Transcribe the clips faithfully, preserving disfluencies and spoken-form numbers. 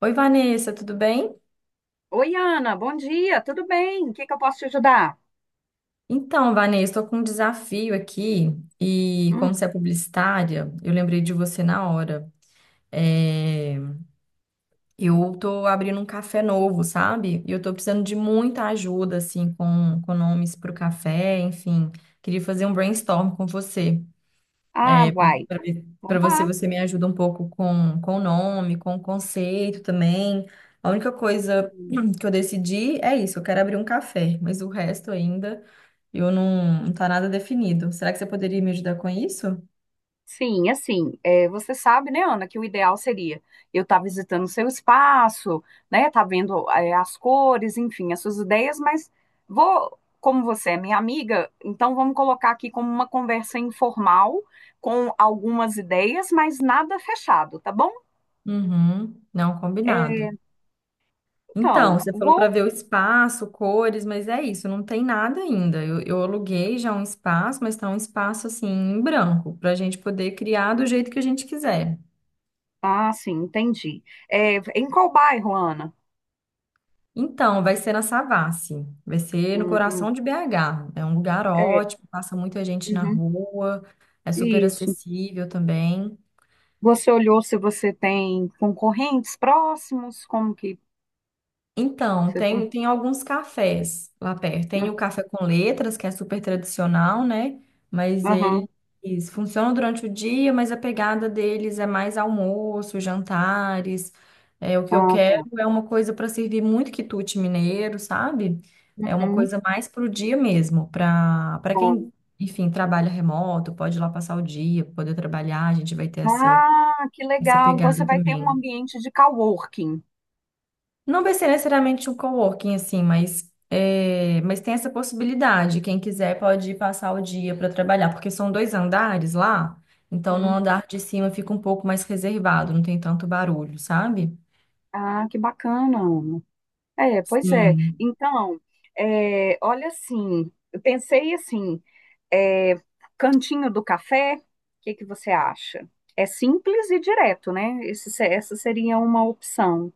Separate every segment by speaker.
Speaker 1: Oi, Vanessa, tudo bem?
Speaker 2: Oi, Ana, bom dia, tudo bem? O que que eu posso te ajudar?
Speaker 1: Então, Vanessa, estou com um desafio aqui e, como
Speaker 2: Hum,
Speaker 1: você é publicitária, eu lembrei de você na hora. É, eu estou abrindo um café novo, sabe? E eu estou precisando de muita ajuda, assim, com, com nomes para o café, enfim. Queria fazer um brainstorm com você.
Speaker 2: ah,
Speaker 1: É,
Speaker 2: uai,
Speaker 1: para
Speaker 2: Vamos
Speaker 1: você,
Speaker 2: lá.
Speaker 1: você me ajuda um pouco com, com o nome, com o conceito também. A única coisa que eu decidi é isso, eu quero abrir um café, mas o resto ainda eu não, não tá nada definido. Será que você poderia me ajudar com isso?
Speaker 2: Sim, assim, é, você sabe, né, Ana, que o ideal seria eu estar visitando o seu espaço, né, tá vendo, é, as cores, enfim, as suas ideias, mas vou, como você é minha amiga, então vamos colocar aqui como uma conversa informal, com algumas ideias, mas nada fechado, tá bom?
Speaker 1: Uhum, não,
Speaker 2: É,
Speaker 1: combinado.
Speaker 2: então,
Speaker 1: Então, você falou para
Speaker 2: vou.
Speaker 1: ver o espaço, cores, mas é isso, não tem nada ainda. Eu, eu aluguei já um espaço, mas tá um espaço assim em branco, para a gente poder criar do jeito que a gente quiser.
Speaker 2: Ah, sim, entendi. É, em qual bairro, Ana?
Speaker 1: Então, vai ser na Savassi, vai ser no
Speaker 2: Hum, hum.
Speaker 1: coração de B H. É um lugar
Speaker 2: É,
Speaker 1: ótimo, passa muita gente na
Speaker 2: uhum,
Speaker 1: rua, é super
Speaker 2: isso.
Speaker 1: acessível também.
Speaker 2: Você olhou se você tem concorrentes próximos? Como que
Speaker 1: Então,
Speaker 2: você tá?
Speaker 1: tem, tem alguns cafés lá perto. Tem o café com letras, que é super tradicional, né? Mas
Speaker 2: Aham,
Speaker 1: eles funcionam durante o dia, mas a pegada deles é mais almoço, jantares. É, o que eu
Speaker 2: ah,
Speaker 1: quero
Speaker 2: tá.
Speaker 1: é uma coisa para servir muito quitute mineiro, sabe? É uma
Speaker 2: Uhum,
Speaker 1: coisa mais para o dia mesmo, para para
Speaker 2: bom.
Speaker 1: quem, enfim, trabalha remoto, pode ir lá passar o dia, poder trabalhar, a gente vai ter essa,
Speaker 2: Ah, que
Speaker 1: essa
Speaker 2: legal. Então você
Speaker 1: pegada
Speaker 2: vai ter um
Speaker 1: também.
Speaker 2: ambiente de coworking,
Speaker 1: Não vai ser necessariamente um coworking, assim, mas, é, mas tem essa possibilidade. Quem quiser pode ir passar o dia para trabalhar, porque são dois andares lá, então no
Speaker 2: né?
Speaker 1: andar de cima fica um pouco mais reservado, não tem tanto barulho, sabe?
Speaker 2: Ah, que bacana, Ana. É, pois é.
Speaker 1: Sim.
Speaker 2: Então, é, olha assim, eu pensei assim, é, cantinho do café, o que que você acha? É simples e direto, né? Esse, se- Essa seria uma opção,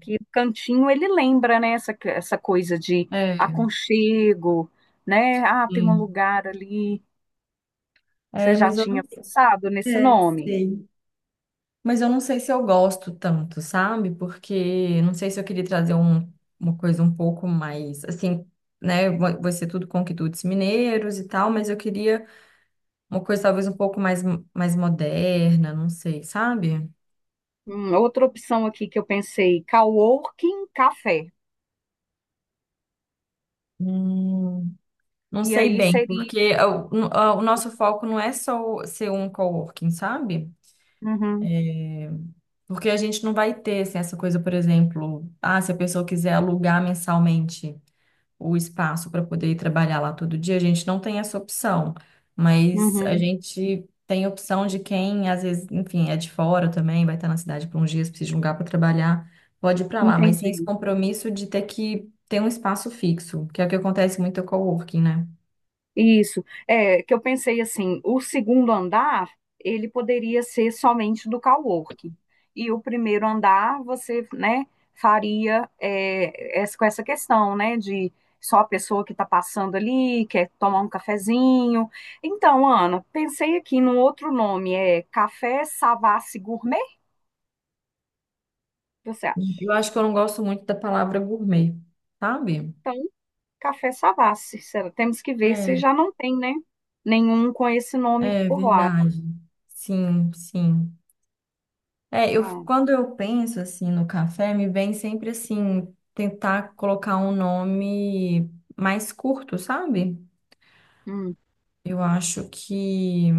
Speaker 2: que o cantinho ele lembra, né, essa, essa coisa de
Speaker 1: É,
Speaker 2: aconchego, né? Ah, tem um
Speaker 1: sim.
Speaker 2: lugar ali. Você
Speaker 1: É,
Speaker 2: já
Speaker 1: mas eu não
Speaker 2: tinha pensado nesse
Speaker 1: É,
Speaker 2: nome?
Speaker 1: sei. Mas eu não sei se eu gosto tanto, sabe? Porque não sei se eu queria trazer um- uma coisa um pouco mais, assim, né? Vai vai ser tudo conquitutes mineiros e tal, mas eu queria uma coisa talvez um pouco mais, mais moderna, não sei, sabe?
Speaker 2: Hum, outra opção aqui que eu pensei, coworking café.
Speaker 1: Hum, não
Speaker 2: E
Speaker 1: sei
Speaker 2: aí
Speaker 1: bem,
Speaker 2: seria.
Speaker 1: porque é o, o nosso foco não é só o- ser um coworking, sabe?
Speaker 2: Uhum,
Speaker 1: Porque a gente não vai ter assim, essa coisa, por exemplo, ah, se a pessoa quiser alugar mensalmente o espaço para poder ir trabalhar lá todo dia, a gente não tem essa opção, mas a
Speaker 2: uhum,
Speaker 1: gente tem opção de quem, às vezes, enfim, é de fora também, vai estar na cidade por uns dias, precisa de um lugar para trabalhar, pode ir para lá, mas sem esse
Speaker 2: entendi.
Speaker 1: compromisso de ter que ter um espaço fixo, que é o que acontece muito com o coworking, né?
Speaker 2: Isso. É que eu pensei assim, o segundo andar, ele poderia ser somente do coworking. E o primeiro andar, você, né, faria é, essa, com essa questão, né, de só a pessoa que está passando ali, quer tomar um cafezinho. Então, Ana, pensei aqui num outro nome, é Café Savassi Gourmet, você acha?
Speaker 1: Eu acho que eu não gosto muito da palavra gourmet, sabe?
Speaker 2: Então, Café Savassi, será? Temos que ver se
Speaker 1: É,
Speaker 2: já não tem, né, nenhum com esse nome
Speaker 1: é
Speaker 2: por lá.
Speaker 1: verdade. Sim, sim. É, eu,
Speaker 2: Tá.
Speaker 1: quando eu penso assim no café, me vem sempre assim tentar colocar um nome mais curto, sabe?
Speaker 2: Hum.
Speaker 1: Eu acho que,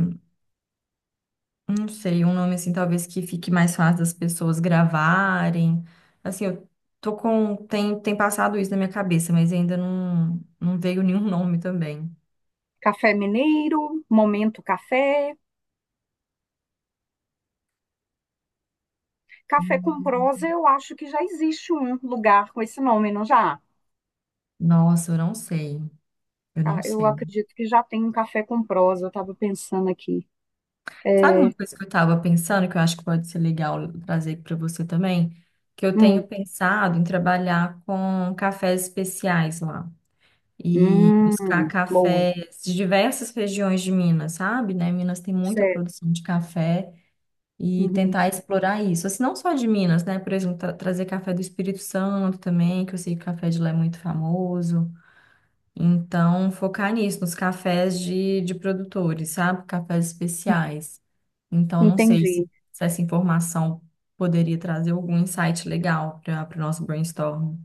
Speaker 1: não sei, um nome assim talvez que fique mais fácil das pessoas gravarem. Assim, eu tô com tem tem passado isso na minha cabeça, mas ainda não não veio nenhum nome também.
Speaker 2: Café Mineiro, Momento Café. Café com
Speaker 1: Hum.
Speaker 2: Prosa, eu acho que já existe um lugar com esse nome, não já?
Speaker 1: Nossa, eu não sei. Eu não
Speaker 2: Ah, eu
Speaker 1: sei.
Speaker 2: acredito que já tem um Café com Prosa, eu estava pensando aqui.
Speaker 1: Sabe
Speaker 2: É,
Speaker 1: uma coisa que eu estava pensando, que eu acho que pode ser legal trazer para você também? Que eu
Speaker 2: hum,
Speaker 1: tenho pensado em trabalhar com cafés especiais lá e buscar
Speaker 2: hum, boa,
Speaker 1: cafés de diversas regiões de Minas, sabe? Né? Minas tem muita
Speaker 2: certo.
Speaker 1: produção de café e
Speaker 2: Uhum,
Speaker 1: tentar explorar isso. Assim, não só de Minas, né? Por exemplo, tra- trazer café do Espírito Santo também, que eu sei que o café de lá é muito famoso. Então, focar nisso, nos cafés de, de produtores, sabe? Cafés especiais. Então, não sei se,
Speaker 2: entendi.
Speaker 1: se essa informação poderia trazer algum insight legal para o nosso brainstorm.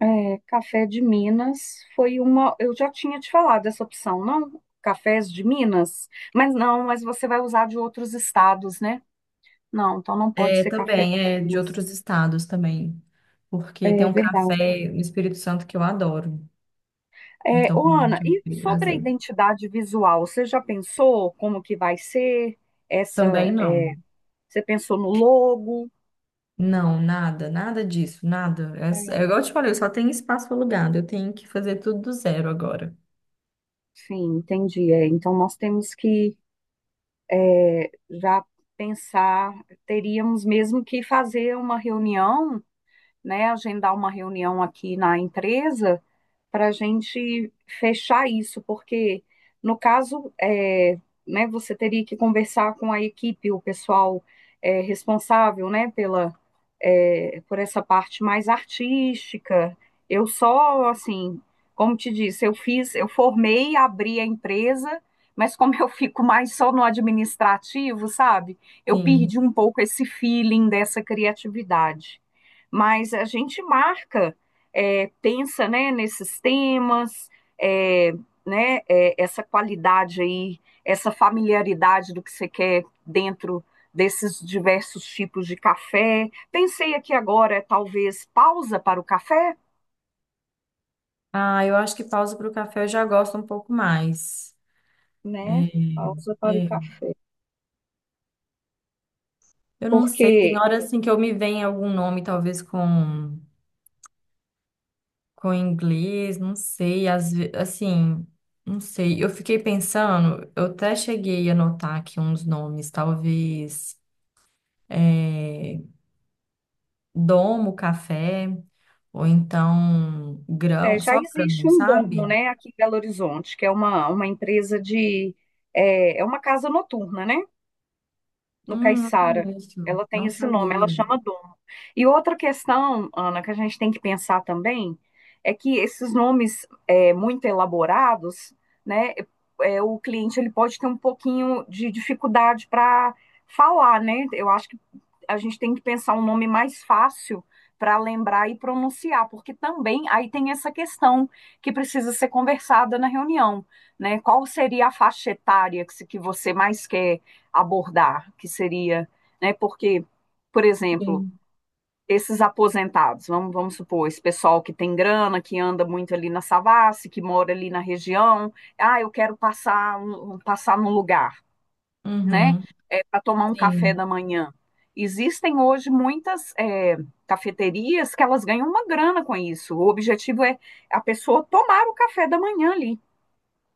Speaker 2: É, café de Minas foi uma. Eu já tinha te falado essa opção, não? Cafés de Minas? Mas não, mas você vai usar de outros estados, né? Não, então não pode
Speaker 1: É,
Speaker 2: ser café
Speaker 1: também é
Speaker 2: de
Speaker 1: de
Speaker 2: Minas.
Speaker 1: outros estados também, porque tem
Speaker 2: É
Speaker 1: um
Speaker 2: verdade.
Speaker 1: café no Espírito Santo que eu adoro.
Speaker 2: É,
Speaker 1: Então,
Speaker 2: ô,
Speaker 1: provavelmente
Speaker 2: Ana,
Speaker 1: eu vou
Speaker 2: e
Speaker 1: querer
Speaker 2: sobre a
Speaker 1: trazer.
Speaker 2: identidade visual, você já pensou como que vai ser essa?
Speaker 1: Também
Speaker 2: é,
Speaker 1: não.
Speaker 2: Você pensou no logo?
Speaker 1: Não, nada, nada disso, nada. É, é
Speaker 2: É,
Speaker 1: igual eu te falei, eu só tenho espaço alugado, eu tenho que fazer tudo do zero agora.
Speaker 2: sim, entendi. É, então nós temos que é, já pensar, teríamos mesmo que fazer uma reunião, né? Agendar uma reunião aqui na empresa para a gente fechar isso, porque no caso, é, né, você teria que conversar com a equipe, o pessoal é, responsável, né, pela, é, por essa parte mais artística. Eu só, assim, como te disse, eu fiz, eu formei, abri a empresa, mas como eu fico mais só no administrativo, sabe? Eu
Speaker 1: Sim.
Speaker 2: perdi um pouco esse feeling dessa criatividade. Mas a gente marca, é, pensa né, nesses temas, é, né, é, essa qualidade aí, essa familiaridade do que você quer dentro desses diversos tipos de café. Pensei aqui agora, talvez, pausa para o café,
Speaker 1: Ah, eu acho que pausa para o café eu já gosto um pouco mais.
Speaker 2: né?
Speaker 1: É,
Speaker 2: Pausa para o
Speaker 1: é.
Speaker 2: café.
Speaker 1: Eu não sei, tem
Speaker 2: Porque
Speaker 1: horas assim que eu me vem algum nome, talvez com, com inglês, não sei, às ve- assim, não sei. Eu fiquei pensando, eu até cheguei a anotar aqui uns nomes, talvez é, domo café, ou então
Speaker 2: é,
Speaker 1: grão,
Speaker 2: já
Speaker 1: só
Speaker 2: existe
Speaker 1: grão,
Speaker 2: um Domo,
Speaker 1: sabe?
Speaker 2: né, aqui em Belo Horizonte, que é uma, uma empresa de. É, é uma casa noturna, né? No
Speaker 1: Hum, não
Speaker 2: Caiçara.
Speaker 1: conheço,
Speaker 2: Ela tem
Speaker 1: não
Speaker 2: esse nome, ela
Speaker 1: sabia.
Speaker 2: chama Domo. E outra questão, Ana, que a gente tem que pensar também é que esses nomes é, muito elaborados, né, é, o cliente ele pode ter um pouquinho de dificuldade para falar, né? Eu acho que a gente tem que pensar um nome mais fácil para lembrar e pronunciar, porque também aí tem essa questão que precisa ser conversada na reunião, né? Qual seria a faixa etária que se- que você mais quer abordar, que seria, né, porque, por exemplo,
Speaker 1: Sim,
Speaker 2: esses aposentados, vamos, vamos supor, esse pessoal que tem grana, que anda muito ali na Savassi, que mora ali na região, ah, eu quero passar, um- um, passar num lugar, né,
Speaker 1: uhum,
Speaker 2: é, para tomar um café
Speaker 1: sim.
Speaker 2: da manhã. Existem hoje muitas é, cafeterias que elas ganham uma grana com isso. O objetivo é a pessoa tomar o café da manhã ali,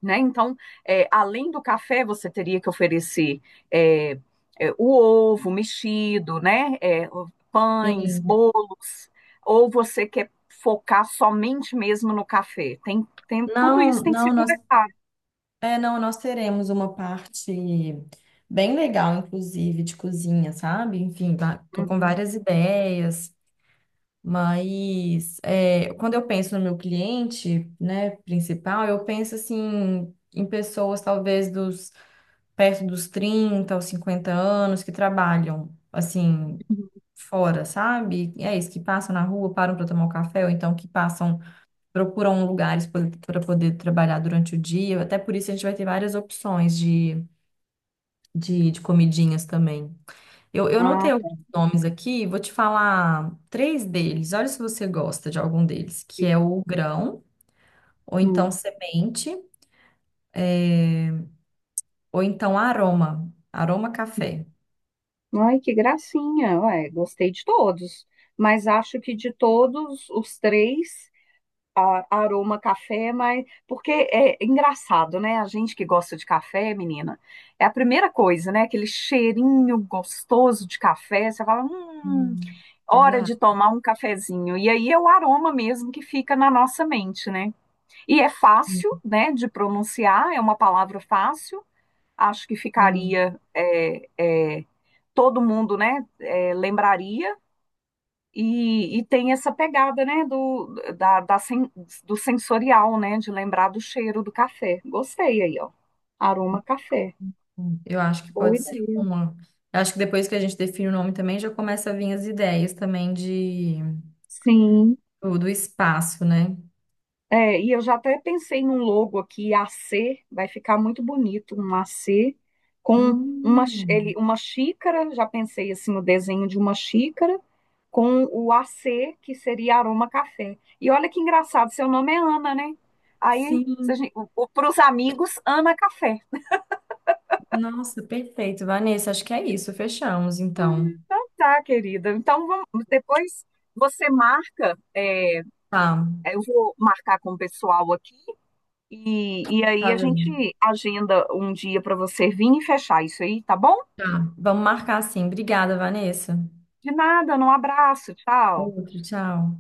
Speaker 2: né? Então, é, além do café, você teria que oferecer é, é, o ovo mexido, né? É, pães,
Speaker 1: Sim.
Speaker 2: bolos, ou você quer focar somente mesmo no café? Tem, tem, tudo
Speaker 1: Não,
Speaker 2: isso tem que
Speaker 1: não,
Speaker 2: ser
Speaker 1: nós,
Speaker 2: conversado.
Speaker 1: é, não, nós teremos uma parte bem legal, inclusive, de cozinha, sabe? Enfim, va- tô com
Speaker 2: Uhum.
Speaker 1: várias ideias, mas é, quando eu penso no meu cliente, né, principal, eu penso assim em pessoas talvez dos perto dos trinta aos cinquenta anos que trabalham assim fora, sabe? É isso, que passam na rua, param para tomar um café, ou então que passam procuram um lugar para poder trabalhar durante o dia. Até por isso a gente vai ter várias opções de, de, de comidinhas também. Eu, eu anotei
Speaker 2: Ah,
Speaker 1: alguns
Speaker 2: tá.
Speaker 1: nomes aqui, vou te falar três deles. Olha se você gosta de algum deles, que é o grão, ou então
Speaker 2: Hum.
Speaker 1: semente, ou então aroma, aroma café.
Speaker 2: Ai, que gracinha. Ué, gostei de todos. Mas acho que de todos os três, a- aroma café, mas porque é engraçado, né? A gente que gosta de café, menina, é a primeira coisa, né? Aquele cheirinho gostoso de café, você fala, hum,
Speaker 1: Hum,
Speaker 2: hora
Speaker 1: verdade.
Speaker 2: de tomar um cafezinho. E aí é o aroma mesmo que fica na nossa mente, né? E é fácil, né, de pronunciar, é uma palavra fácil. Acho que
Speaker 1: Hum,
Speaker 2: ficaria é, é, todo mundo, né, é, lembraria. E, e tem essa pegada, né, do, da, da sen- do sensorial, né, de lembrar do cheiro do café. Gostei aí, ó. Aroma Café.
Speaker 1: hum. Eu acho que
Speaker 2: Boa
Speaker 1: pode ser
Speaker 2: ideia.
Speaker 1: uma. Eu acho que depois que a gente define o nome também, já começa a vir as ideias também de
Speaker 2: Sim.
Speaker 1: do, do espaço, né?
Speaker 2: É, e eu já até pensei num logo aqui, A C, vai ficar muito bonito, um A C com uma, chi-
Speaker 1: Hum,
Speaker 2: ele, uma xícara, já pensei assim no desenho de uma xícara, com o A C, que seria Aroma Café. E olha que engraçado, seu nome é Ana, né? Aí,
Speaker 1: sim,
Speaker 2: para os amigos, Ana Café.
Speaker 1: nossa, perfeito, Vanessa. Acho que é isso. Fechamos, então.
Speaker 2: Então tá, querida. Então vamos, depois você marca, é,
Speaker 1: Tá,
Speaker 2: eu vou marcar com o pessoal aqui e, e aí
Speaker 1: tá
Speaker 2: a gente
Speaker 1: bem.
Speaker 2: agenda um dia para você vir e fechar isso aí, tá bom?
Speaker 1: Tá. Vamos marcar sim. Obrigada, Vanessa.
Speaker 2: De nada, um abraço, tchau.
Speaker 1: Outro, tchau.